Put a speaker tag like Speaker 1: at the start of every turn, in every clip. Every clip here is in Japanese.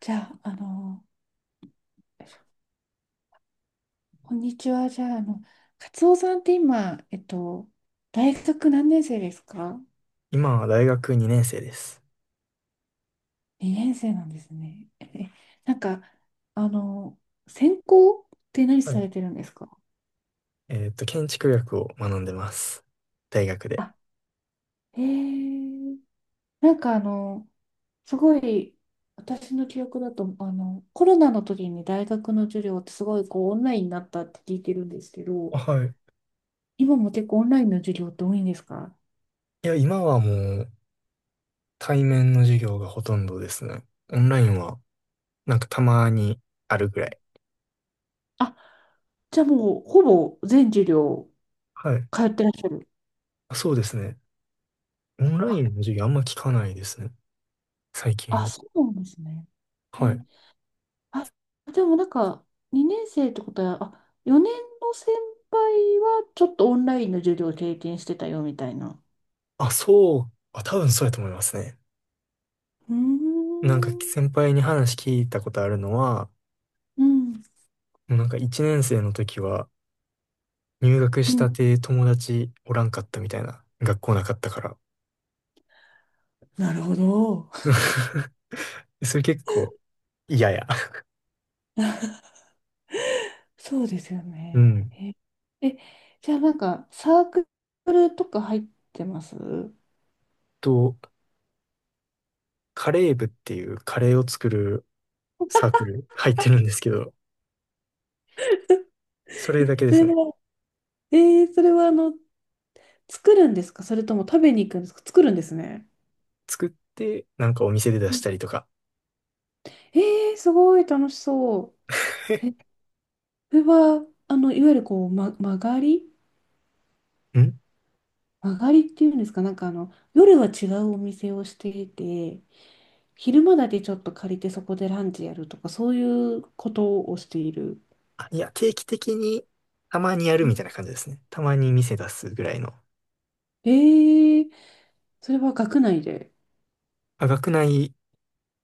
Speaker 1: じゃあ、あの、こんにちは。じゃあ、カツオさんって今、大学何年生ですか？
Speaker 2: 今は大学2年生です。
Speaker 1: 2 年生なんですね。え、なんか、あの、専攻って何
Speaker 2: は
Speaker 1: さ
Speaker 2: い。
Speaker 1: れてるんですか？
Speaker 2: 建築学を学んでます。大学で。
Speaker 1: あ、へえ、なんかあの、すごい、私の記憶だと、コロナの時に大学の授業ってすごいこうオンラインになったって聞いてるんですけど、
Speaker 2: あ、はい。
Speaker 1: 今も結構オンラインの授業って多いんですか？
Speaker 2: いや、今はう対面の授業がほとんどですね。オンラインはなんかたまにあるぐらい。
Speaker 1: あ、じゃあもうほぼ全授業
Speaker 2: はい。
Speaker 1: 通ってらっしゃる。
Speaker 2: あ、そうですね。オンライン
Speaker 1: あ、
Speaker 2: の授業あんま聞かないですね。最近
Speaker 1: あ、
Speaker 2: は。
Speaker 1: そうなんですね。え
Speaker 2: は
Speaker 1: ー、
Speaker 2: い。
Speaker 1: あ、でもなんか、2年生ってことは、あ、4年の先輩はちょっとオンラインの授業を経験してたよみたいな。
Speaker 2: あ、そう。あ、多分そうやと思いますね。
Speaker 1: うー
Speaker 2: なんか
Speaker 1: ん、
Speaker 2: 先輩に話聞いたことあるのは、
Speaker 1: うん、
Speaker 2: なんか1年生の時は入学
Speaker 1: う
Speaker 2: し
Speaker 1: ん。
Speaker 2: たて友達おらんかったみたいな。学校なかったから。
Speaker 1: なるほど。
Speaker 2: それ結構嫌や。
Speaker 1: そうですよ
Speaker 2: う
Speaker 1: ね。
Speaker 2: ん。
Speaker 1: え、え、じゃあなんか、サークルとか入ってます？
Speaker 2: と、カレー部っていうカレーを作るサークル入ってるんですけど、それ
Speaker 1: え、
Speaker 2: だけで
Speaker 1: そ
Speaker 2: す
Speaker 1: れ
Speaker 2: ね。
Speaker 1: は、えそれは作るんですか、それとも食べに行くんですか？作るんですね。
Speaker 2: 作って、なんかお店で出
Speaker 1: う
Speaker 2: し
Speaker 1: ん、
Speaker 2: たりとか。
Speaker 1: えー、すごい楽しそう。これは、あの、いわゆるこう、ま、曲がり
Speaker 2: ん
Speaker 1: 曲がりっていうんですか、夜は違うお店をしていて、昼間だけちょっと借りてそこでランチやるとか、そういうことをしている。
Speaker 2: あ、いや、定期的にたまにやる
Speaker 1: う
Speaker 2: みたい
Speaker 1: ん、
Speaker 2: な感じですね。たまに店出すぐらいの。
Speaker 1: えー、それは学内で。
Speaker 2: あ、学内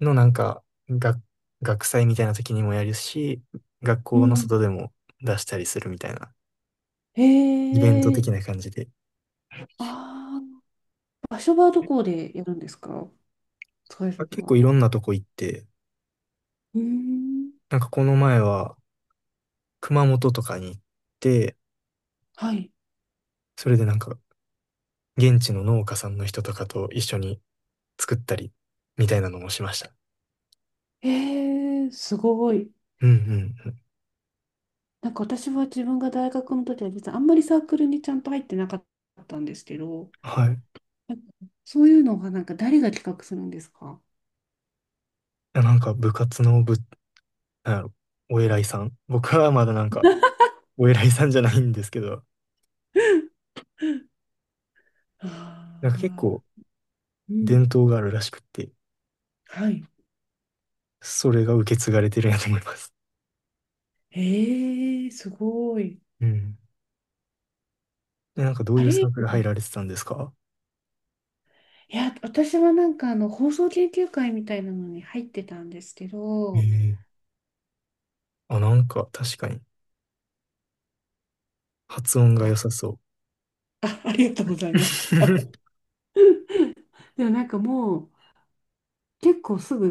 Speaker 2: のなんか、学、学祭みたいな時にもやるし、学
Speaker 1: う
Speaker 2: 校の
Speaker 1: ん。
Speaker 2: 外でも出したりするみたいな、
Speaker 1: え
Speaker 2: イベント的な
Speaker 1: ー、
Speaker 2: 感じで。
Speaker 1: あー、場所はどこでやるんですか？使い
Speaker 2: あ、
Speaker 1: 先
Speaker 2: 結構
Speaker 1: は。
Speaker 2: いろんなとこ行って、
Speaker 1: うーん。
Speaker 2: なんかこの前は、熊本とかに行って、
Speaker 1: はい。
Speaker 2: それでなんか、現地の農家さんの人とかと一緒に作ったり、みたいなのもしました。
Speaker 1: えー、すごい。
Speaker 2: うんうんうん。
Speaker 1: なんか私は自分が大学の時は実はあんまりサークルにちゃんと入ってなかったんですけど、
Speaker 2: はい。
Speaker 1: なんかそういうのはなんか誰が企画するんですか？
Speaker 2: なんか部活のぶなんやろ、お偉いさん。僕はまだなんか、お偉いさんじゃないんですけど、なん
Speaker 1: あ
Speaker 2: か結
Speaker 1: あ、
Speaker 2: 構
Speaker 1: う
Speaker 2: 伝
Speaker 1: ん。
Speaker 2: 統があるらしくって、
Speaker 1: はい。
Speaker 2: それが受け継がれてるんやと思います。
Speaker 1: ええ、すごい。
Speaker 2: うん。で、なんかどう
Speaker 1: あ
Speaker 2: いうサ
Speaker 1: れ、
Speaker 2: ークル入られてたんですか？
Speaker 1: いや、私は放送研究会みたいなのに入ってたんですけ
Speaker 2: え
Speaker 1: ど、
Speaker 2: え。あ、なんか確かに発音が良
Speaker 1: あ、
Speaker 2: さそう。
Speaker 1: あ、ありがとうございます。でもなんかもう結構すぐ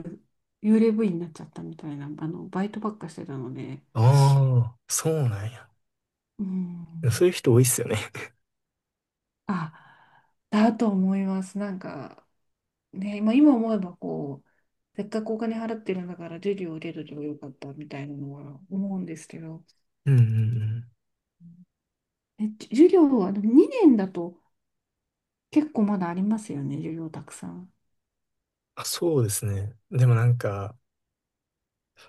Speaker 1: 幽霊部員になっちゃったみたいな、あのバイトばっかしてたので、
Speaker 2: ああ、そうなんや。
Speaker 1: う
Speaker 2: そう
Speaker 1: ん。
Speaker 2: いう人多いっすよね。
Speaker 1: あ、だと思います。なんか、ね、まあ、今思えばこう、せっかくお金払ってるんだから授業を受けとけばよかったみたいなのは思うんですけど、
Speaker 2: うんうんうん。
Speaker 1: え、じ授業は2年だと結構まだありますよね、授業たくさん。
Speaker 2: あ、そうですね。でもなんか、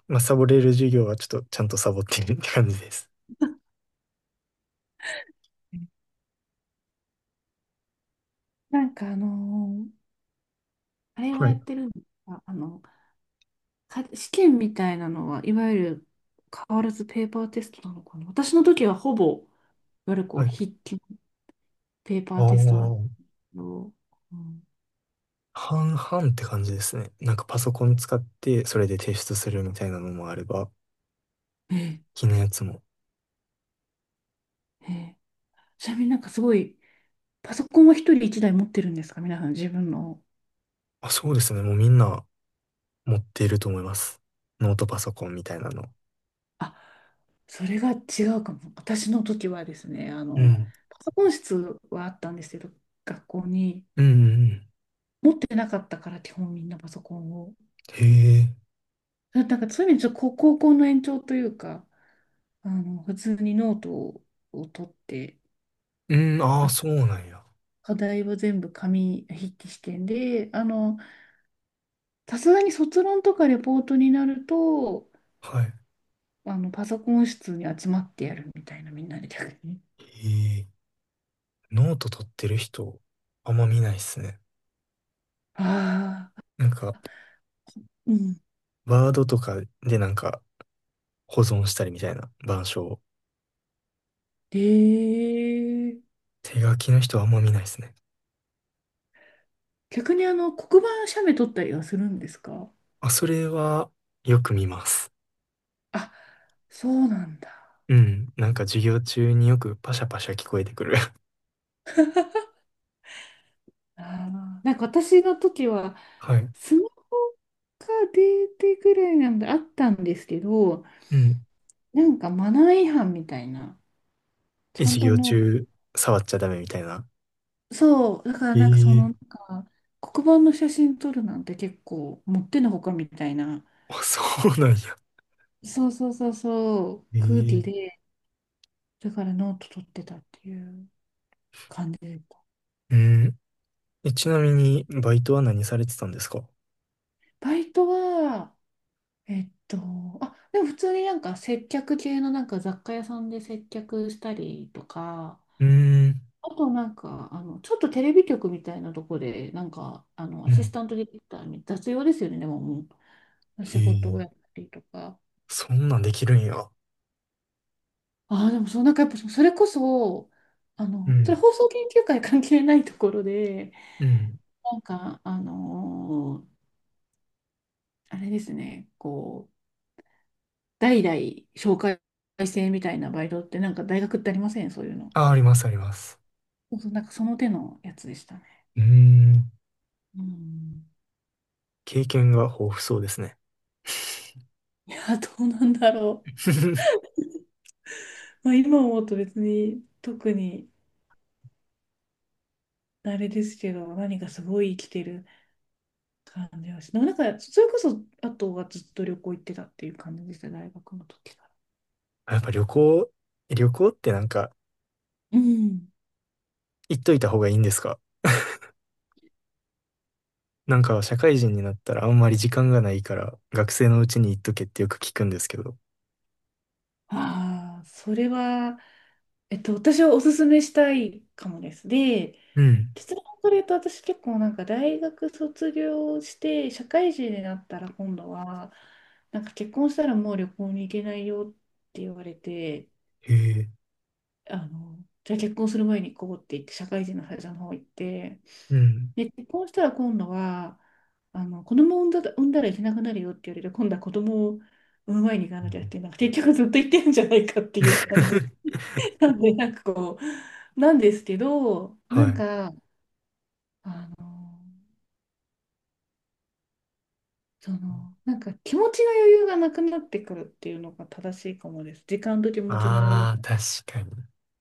Speaker 2: まあ、サボれる授業はちょっとちゃんとサボってるって感じです。
Speaker 1: なんかあのーあれ は
Speaker 2: は
Speaker 1: や
Speaker 2: い。
Speaker 1: ってるんですか、か試験みたいなのは、いわゆる変わらずペーパーテストなのかな。私の時はほぼ、いわゆるこう
Speaker 2: はい。
Speaker 1: 筆記のペーパ
Speaker 2: あ
Speaker 1: ー
Speaker 2: あ、
Speaker 1: テストだったけど、うん、
Speaker 2: 半々って感じですね。なんかパソコン使ってそれで提出するみたいなのもあれば、
Speaker 1: え
Speaker 2: 気のやつも。
Speaker 1: え、ええ、ちなみになんかすごい、パソコンは一人一台持ってるんですか、皆さん自分の。
Speaker 2: あ、そうですね。もうみんな持っていると思います。ノートパソコンみたいなの。
Speaker 1: あ、それが違うかも。私の時はですね、
Speaker 2: うん。
Speaker 1: パソコン室はあったんですけど、学校に
Speaker 2: うんうんうん。
Speaker 1: 持ってなかったから基本みんなパソコンを。
Speaker 2: へえ。
Speaker 1: だなんかそういう意味でちょっと高校の延長というか、あの、普通にノートを取って、
Speaker 2: うん、ああ、
Speaker 1: あ、
Speaker 2: そうなんや。
Speaker 1: 課題は全部紙筆記試験で、あの、さすがに卒論とかレポートになると、
Speaker 2: はい。
Speaker 1: あの、パソコン室に集まってやるみたいな、みんなで逆に。
Speaker 2: へえ。ノート取ってる人、あんま見ないっすね。
Speaker 1: ああ、
Speaker 2: なんか、
Speaker 1: うん。
Speaker 2: ワードとかでなんか保存したりみたいな板書を。
Speaker 1: ええ、
Speaker 2: 手書きの人はあんま見ないですね。
Speaker 1: 逆にあの黒板写メ撮ったりはするんですか？
Speaker 2: あ、それはよく見ます。
Speaker 1: あ、そうなんだ。
Speaker 2: うん。なんか授業中によくパシャパシャ聞こえてくる。
Speaker 1: あー、なんか私の時は
Speaker 2: はい。
Speaker 1: スマホが出てくらいなんであったんですけど、
Speaker 2: うん。
Speaker 1: なんかマナー違反みたいな、ち
Speaker 2: え、
Speaker 1: ゃん
Speaker 2: 授
Speaker 1: と
Speaker 2: 業
Speaker 1: ノート、
Speaker 2: 中触っちゃダメみたいな。
Speaker 1: そう、だから
Speaker 2: え
Speaker 1: なんかその、なん
Speaker 2: え
Speaker 1: か、黒板の写真撮るなんて結構もってのほかみたいな、
Speaker 2: あ、そうなんや。
Speaker 1: そうそうそうそう、空気
Speaker 2: ええ。
Speaker 1: で、だからノート取ってたっていう感じでした。
Speaker 2: うん。え、ちなみに、バイトは何されてたんですか？
Speaker 1: バイトは、えっと、あ、でも普通になんか接客系のなんか雑貨屋さんで接客したりとか、
Speaker 2: うーん。
Speaker 1: あとなんか、あの、ちょっとテレビ局みたいなとこで、なんか、あの、
Speaker 2: う
Speaker 1: アシ
Speaker 2: ん。
Speaker 1: スタントディレクターに雑用ですよね、でも
Speaker 2: え
Speaker 1: 仕事を
Speaker 2: え、
Speaker 1: やったりとか。
Speaker 2: そんなんできるんや。
Speaker 1: ああ、でもそう、なんかやっぱそれこそ、あ
Speaker 2: う
Speaker 1: の、それ
Speaker 2: ん。
Speaker 1: 放送研究会関係ないところで、
Speaker 2: うん。
Speaker 1: なんか、あれですね、こう、代々紹介制みたいなバイトってなんか大学ってありません、そういうの。
Speaker 2: あ、あります、あります。
Speaker 1: そうそう、なんかその手のやつでしたね。
Speaker 2: うーん。
Speaker 1: うん。
Speaker 2: 経験が豊富そうですね。
Speaker 1: いや、どうなんだろ う。まあ今思うと別に特にあれですけど、何かすごい生きてる感じはして、なんかそれこそあとはずっと旅行行ってたっていう感じでした、大学の時か
Speaker 2: やっぱ旅行、旅行ってなんか
Speaker 1: ら。うん。
Speaker 2: 行っといた方がいいんですか？なんか社会人になったらあんまり時間がないから学生のうちに行っとけってよく聞くんですけど。
Speaker 1: ああ、それは私はおすすめしたいかもです。で、
Speaker 2: うん。
Speaker 1: 結論から言うと、私結構なんか大学卒業して社会人になったら今度は、なんか結婚したらもう旅行に行けないよって言われて、
Speaker 2: へえ。
Speaker 1: あの、じゃあ結婚する前に行こうって言って社会人の会社の方行って、
Speaker 2: うん。
Speaker 1: で、結婚したら今度は、あの、子供を産んだ、産んだら行けなくなるよって言われて、今度は子供を産む前に行か
Speaker 2: う
Speaker 1: なきゃっ
Speaker 2: ん
Speaker 1: ていう、なんか結局ずっと行ってるんじゃないかっていう感じ。なんで、なんかこう、なんですけど、な
Speaker 2: は
Speaker 1: ん
Speaker 2: い。
Speaker 1: か、あの、その、なんか気持ちの余裕がなくなってくるっていうのが正しいかもです。時間と気持ちの余裕
Speaker 2: ああ、
Speaker 1: が。
Speaker 2: 確かに。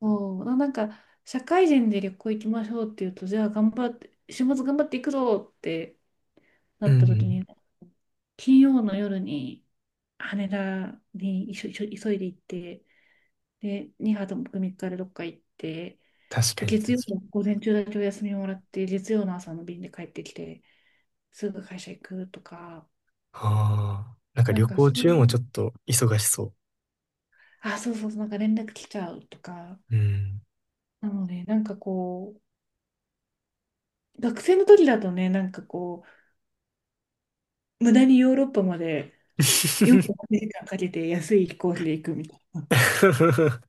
Speaker 1: そう、なんか、社会人で旅行行きましょうっていうと、じゃあ頑張って、週末頑張っていくぞってな
Speaker 2: うん
Speaker 1: っ
Speaker 2: う
Speaker 1: た時
Speaker 2: ん。
Speaker 1: に、金曜の夜に羽田に急いで行って、で、2泊3日でどっか行って、
Speaker 2: 確
Speaker 1: で、
Speaker 2: かに確か
Speaker 1: 月曜
Speaker 2: に。
Speaker 1: の午前中だけお休みをもらって、月曜の朝の便で帰ってきて、すぐ会社行くとか、
Speaker 2: ああ。なんか
Speaker 1: な
Speaker 2: 旅
Speaker 1: んか
Speaker 2: 行
Speaker 1: そう、
Speaker 2: 中もちょっと忙しそ
Speaker 1: あ、そうそうそう、なんか連絡来ちゃうとか、
Speaker 2: う。うん。
Speaker 1: なので、学生の時だとね、無駄にヨーロッパまで48時間かんかけて安い飛行機で行くみたいな。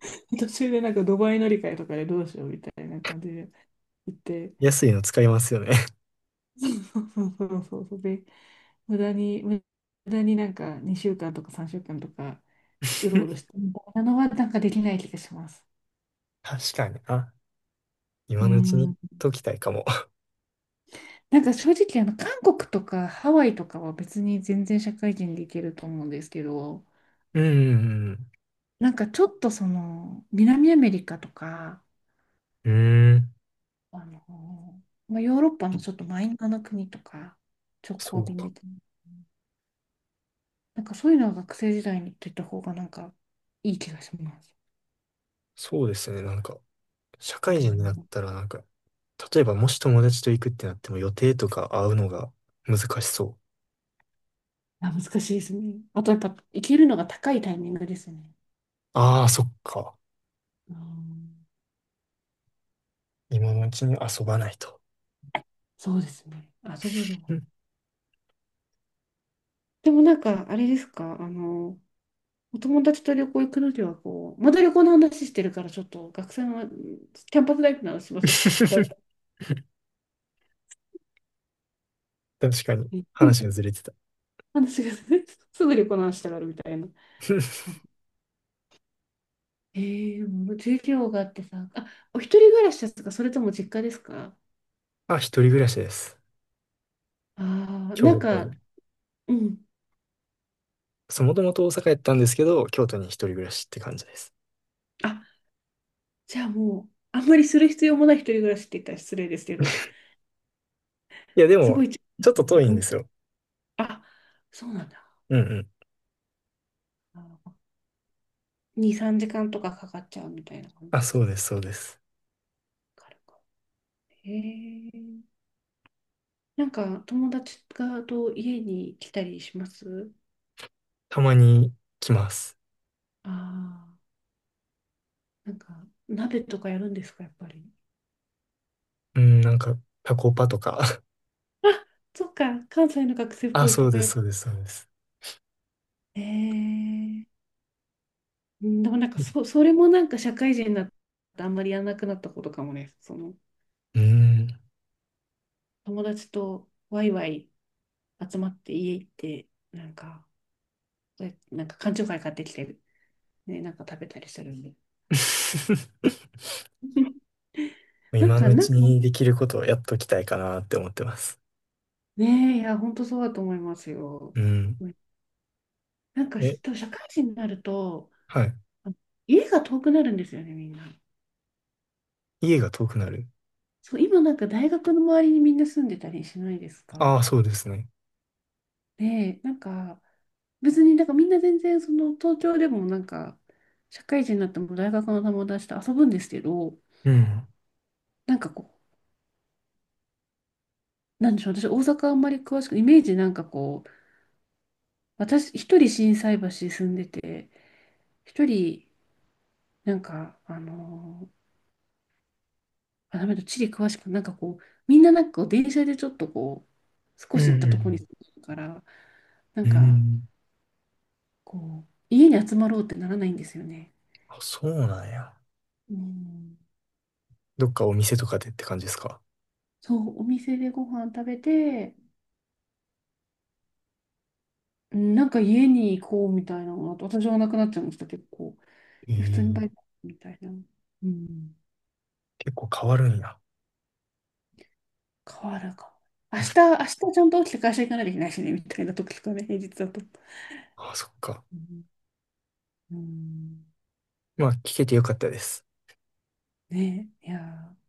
Speaker 1: 途中でなんかドバイ乗り換えとかでどうしようみたいな感じで行って、
Speaker 2: 安いの使いますよね。
Speaker 1: そうそうそうそうそうで、無駄になんか2週間とか3週間とかうろうろ してみたいなのはなんかできない気がします。
Speaker 2: 確かに。あ、
Speaker 1: う
Speaker 2: 今のうちに言
Speaker 1: ん、
Speaker 2: っときたいかも。
Speaker 1: なんか正直あの韓国とかハワイとかは別に全然社会人でいけると思うんですけど、
Speaker 2: うんうん
Speaker 1: なんかちょっとその南アメリカとか、
Speaker 2: うん。うーん。
Speaker 1: あの、まあ、ヨーロッパのちょっとマイナーな国とか直
Speaker 2: そ
Speaker 1: 行
Speaker 2: う
Speaker 1: 便
Speaker 2: か。
Speaker 1: でなんかそういうのは学生時代に行ってた方がなんかいい気がします。
Speaker 2: そうですね。なんか、社
Speaker 1: う
Speaker 2: 会人になっ
Speaker 1: ん、
Speaker 2: たらなんか、例えばもし友達と行くってなっても予定とか会うのが難しそう。
Speaker 1: あ、難しいですね。あとやっぱ行けるのが高いタイミングですね。
Speaker 2: ああ、そっか。
Speaker 1: うん、
Speaker 2: 今のうちに遊ばないと。
Speaker 1: そうですね。遊ぶのが。
Speaker 2: うん
Speaker 1: でもなんか、あれですか、あの、お友達と旅行行くのには、こう、まだ旅行の話してるから、ちょっと学生のキャンパスライフの話しましょうか。ダメ だ
Speaker 2: 確かに。
Speaker 1: ね、う
Speaker 2: 話が
Speaker 1: ん、
Speaker 2: ずれてた。
Speaker 1: 話が すぐ旅行の話したがるみたいな。えー、もう授業があってさ、あ、お一人暮らしですか、それとも実家ですか？
Speaker 2: あ、一人暮らしです。
Speaker 1: ああー、な
Speaker 2: 京
Speaker 1: ん
Speaker 2: 都
Speaker 1: か、
Speaker 2: に。
Speaker 1: うん。
Speaker 2: そう、もともと大阪やったんですけど、京都に一人暮らしって感じです。
Speaker 1: あ、じゃあもう、あんまりする必要もない一人暮らしって言ったら失礼ですけど、
Speaker 2: いや、で
Speaker 1: す
Speaker 2: も、
Speaker 1: ごい近い
Speaker 2: ちょ
Speaker 1: で
Speaker 2: っ
Speaker 1: す
Speaker 2: と遠
Speaker 1: ね、
Speaker 2: いん
Speaker 1: う
Speaker 2: で
Speaker 1: ん。
Speaker 2: すよ。
Speaker 1: あ、そうなんだ。
Speaker 2: うんうん。
Speaker 1: あ、2、3時間とかかかっちゃうみたいな感じ
Speaker 2: あ、
Speaker 1: で
Speaker 2: そ
Speaker 1: す
Speaker 2: うで
Speaker 1: ね。
Speaker 2: す、そうです。
Speaker 1: 軽く、へえ。なんか友達がと家に来たりします？
Speaker 2: たまに来ます。
Speaker 1: ああー、なんか鍋とかやるんですか、やっぱり。
Speaker 2: うん、なんか、タコパとか。
Speaker 1: あ、そっか、関西の学生っ
Speaker 2: あ、
Speaker 1: ぽい
Speaker 2: そ
Speaker 1: と
Speaker 2: う
Speaker 1: こ
Speaker 2: で
Speaker 1: や。
Speaker 2: す、そうです、そうです。
Speaker 1: えー、うん、でもなんかそれもなんか社会人になってあんまりやらなくなったことかもね。その
Speaker 2: うん。
Speaker 1: 友達とワイワイ集まって家行って、なんか、え、なんか缶チョーハイ買ってきて、ね、なんか食べたりするんで。なん
Speaker 2: 今の
Speaker 1: か、
Speaker 2: う
Speaker 1: なん
Speaker 2: ち
Speaker 1: か、
Speaker 2: にできることをやっときたいかなって思ってます。
Speaker 1: ねえ、いや、本当そうだと思いますよ。
Speaker 2: うん。
Speaker 1: なんか、
Speaker 2: え、
Speaker 1: し多分社会人になると、
Speaker 2: はい。
Speaker 1: あの家が遠くなるんですよね、みんな。
Speaker 2: 家が遠くなる。
Speaker 1: そう、今なんか大学の周りにみんな住んでたりしないです
Speaker 2: あ
Speaker 1: か？
Speaker 2: あ、そうですね。
Speaker 1: ねえ、なんか、別になんかみんな全然、その、東京でもなんか、社会人になっても大学の友達と遊ぶんですけど、
Speaker 2: うん。
Speaker 1: なんかこう、なんでしょう、私大阪あんまり詳しく、イメージなんかこう、私一人心斎橋住んでて、一人なんか、あ、ダメだ、地理詳しく、なんかこう、みんななんかこう電車でちょっとこう、少
Speaker 2: う
Speaker 1: し行ったところに住
Speaker 2: ん、
Speaker 1: んでるから、な
Speaker 2: う
Speaker 1: ん
Speaker 2: ん。う
Speaker 1: か
Speaker 2: ん。
Speaker 1: こ家に集まろうってならないんですよね。
Speaker 2: あ、そうなんや。
Speaker 1: うん、
Speaker 2: どっかお店とかでって感じですか？
Speaker 1: そう、お店でご飯食べて、うん、なんか家に行こうみたいなのが、私はなくなっちゃいました、結構。で、普通にバ
Speaker 2: え
Speaker 1: イト
Speaker 2: え、
Speaker 1: みたいな。うん、
Speaker 2: 結構変わるんや。
Speaker 1: 変わるかも。明日ちゃんと起きて会社行かなきゃいけないしね、みたいな時とかね、平日だと。
Speaker 2: あ、そっか。
Speaker 1: うん、うん、
Speaker 2: まあ、聞けてよかったです。
Speaker 1: ね、いやー。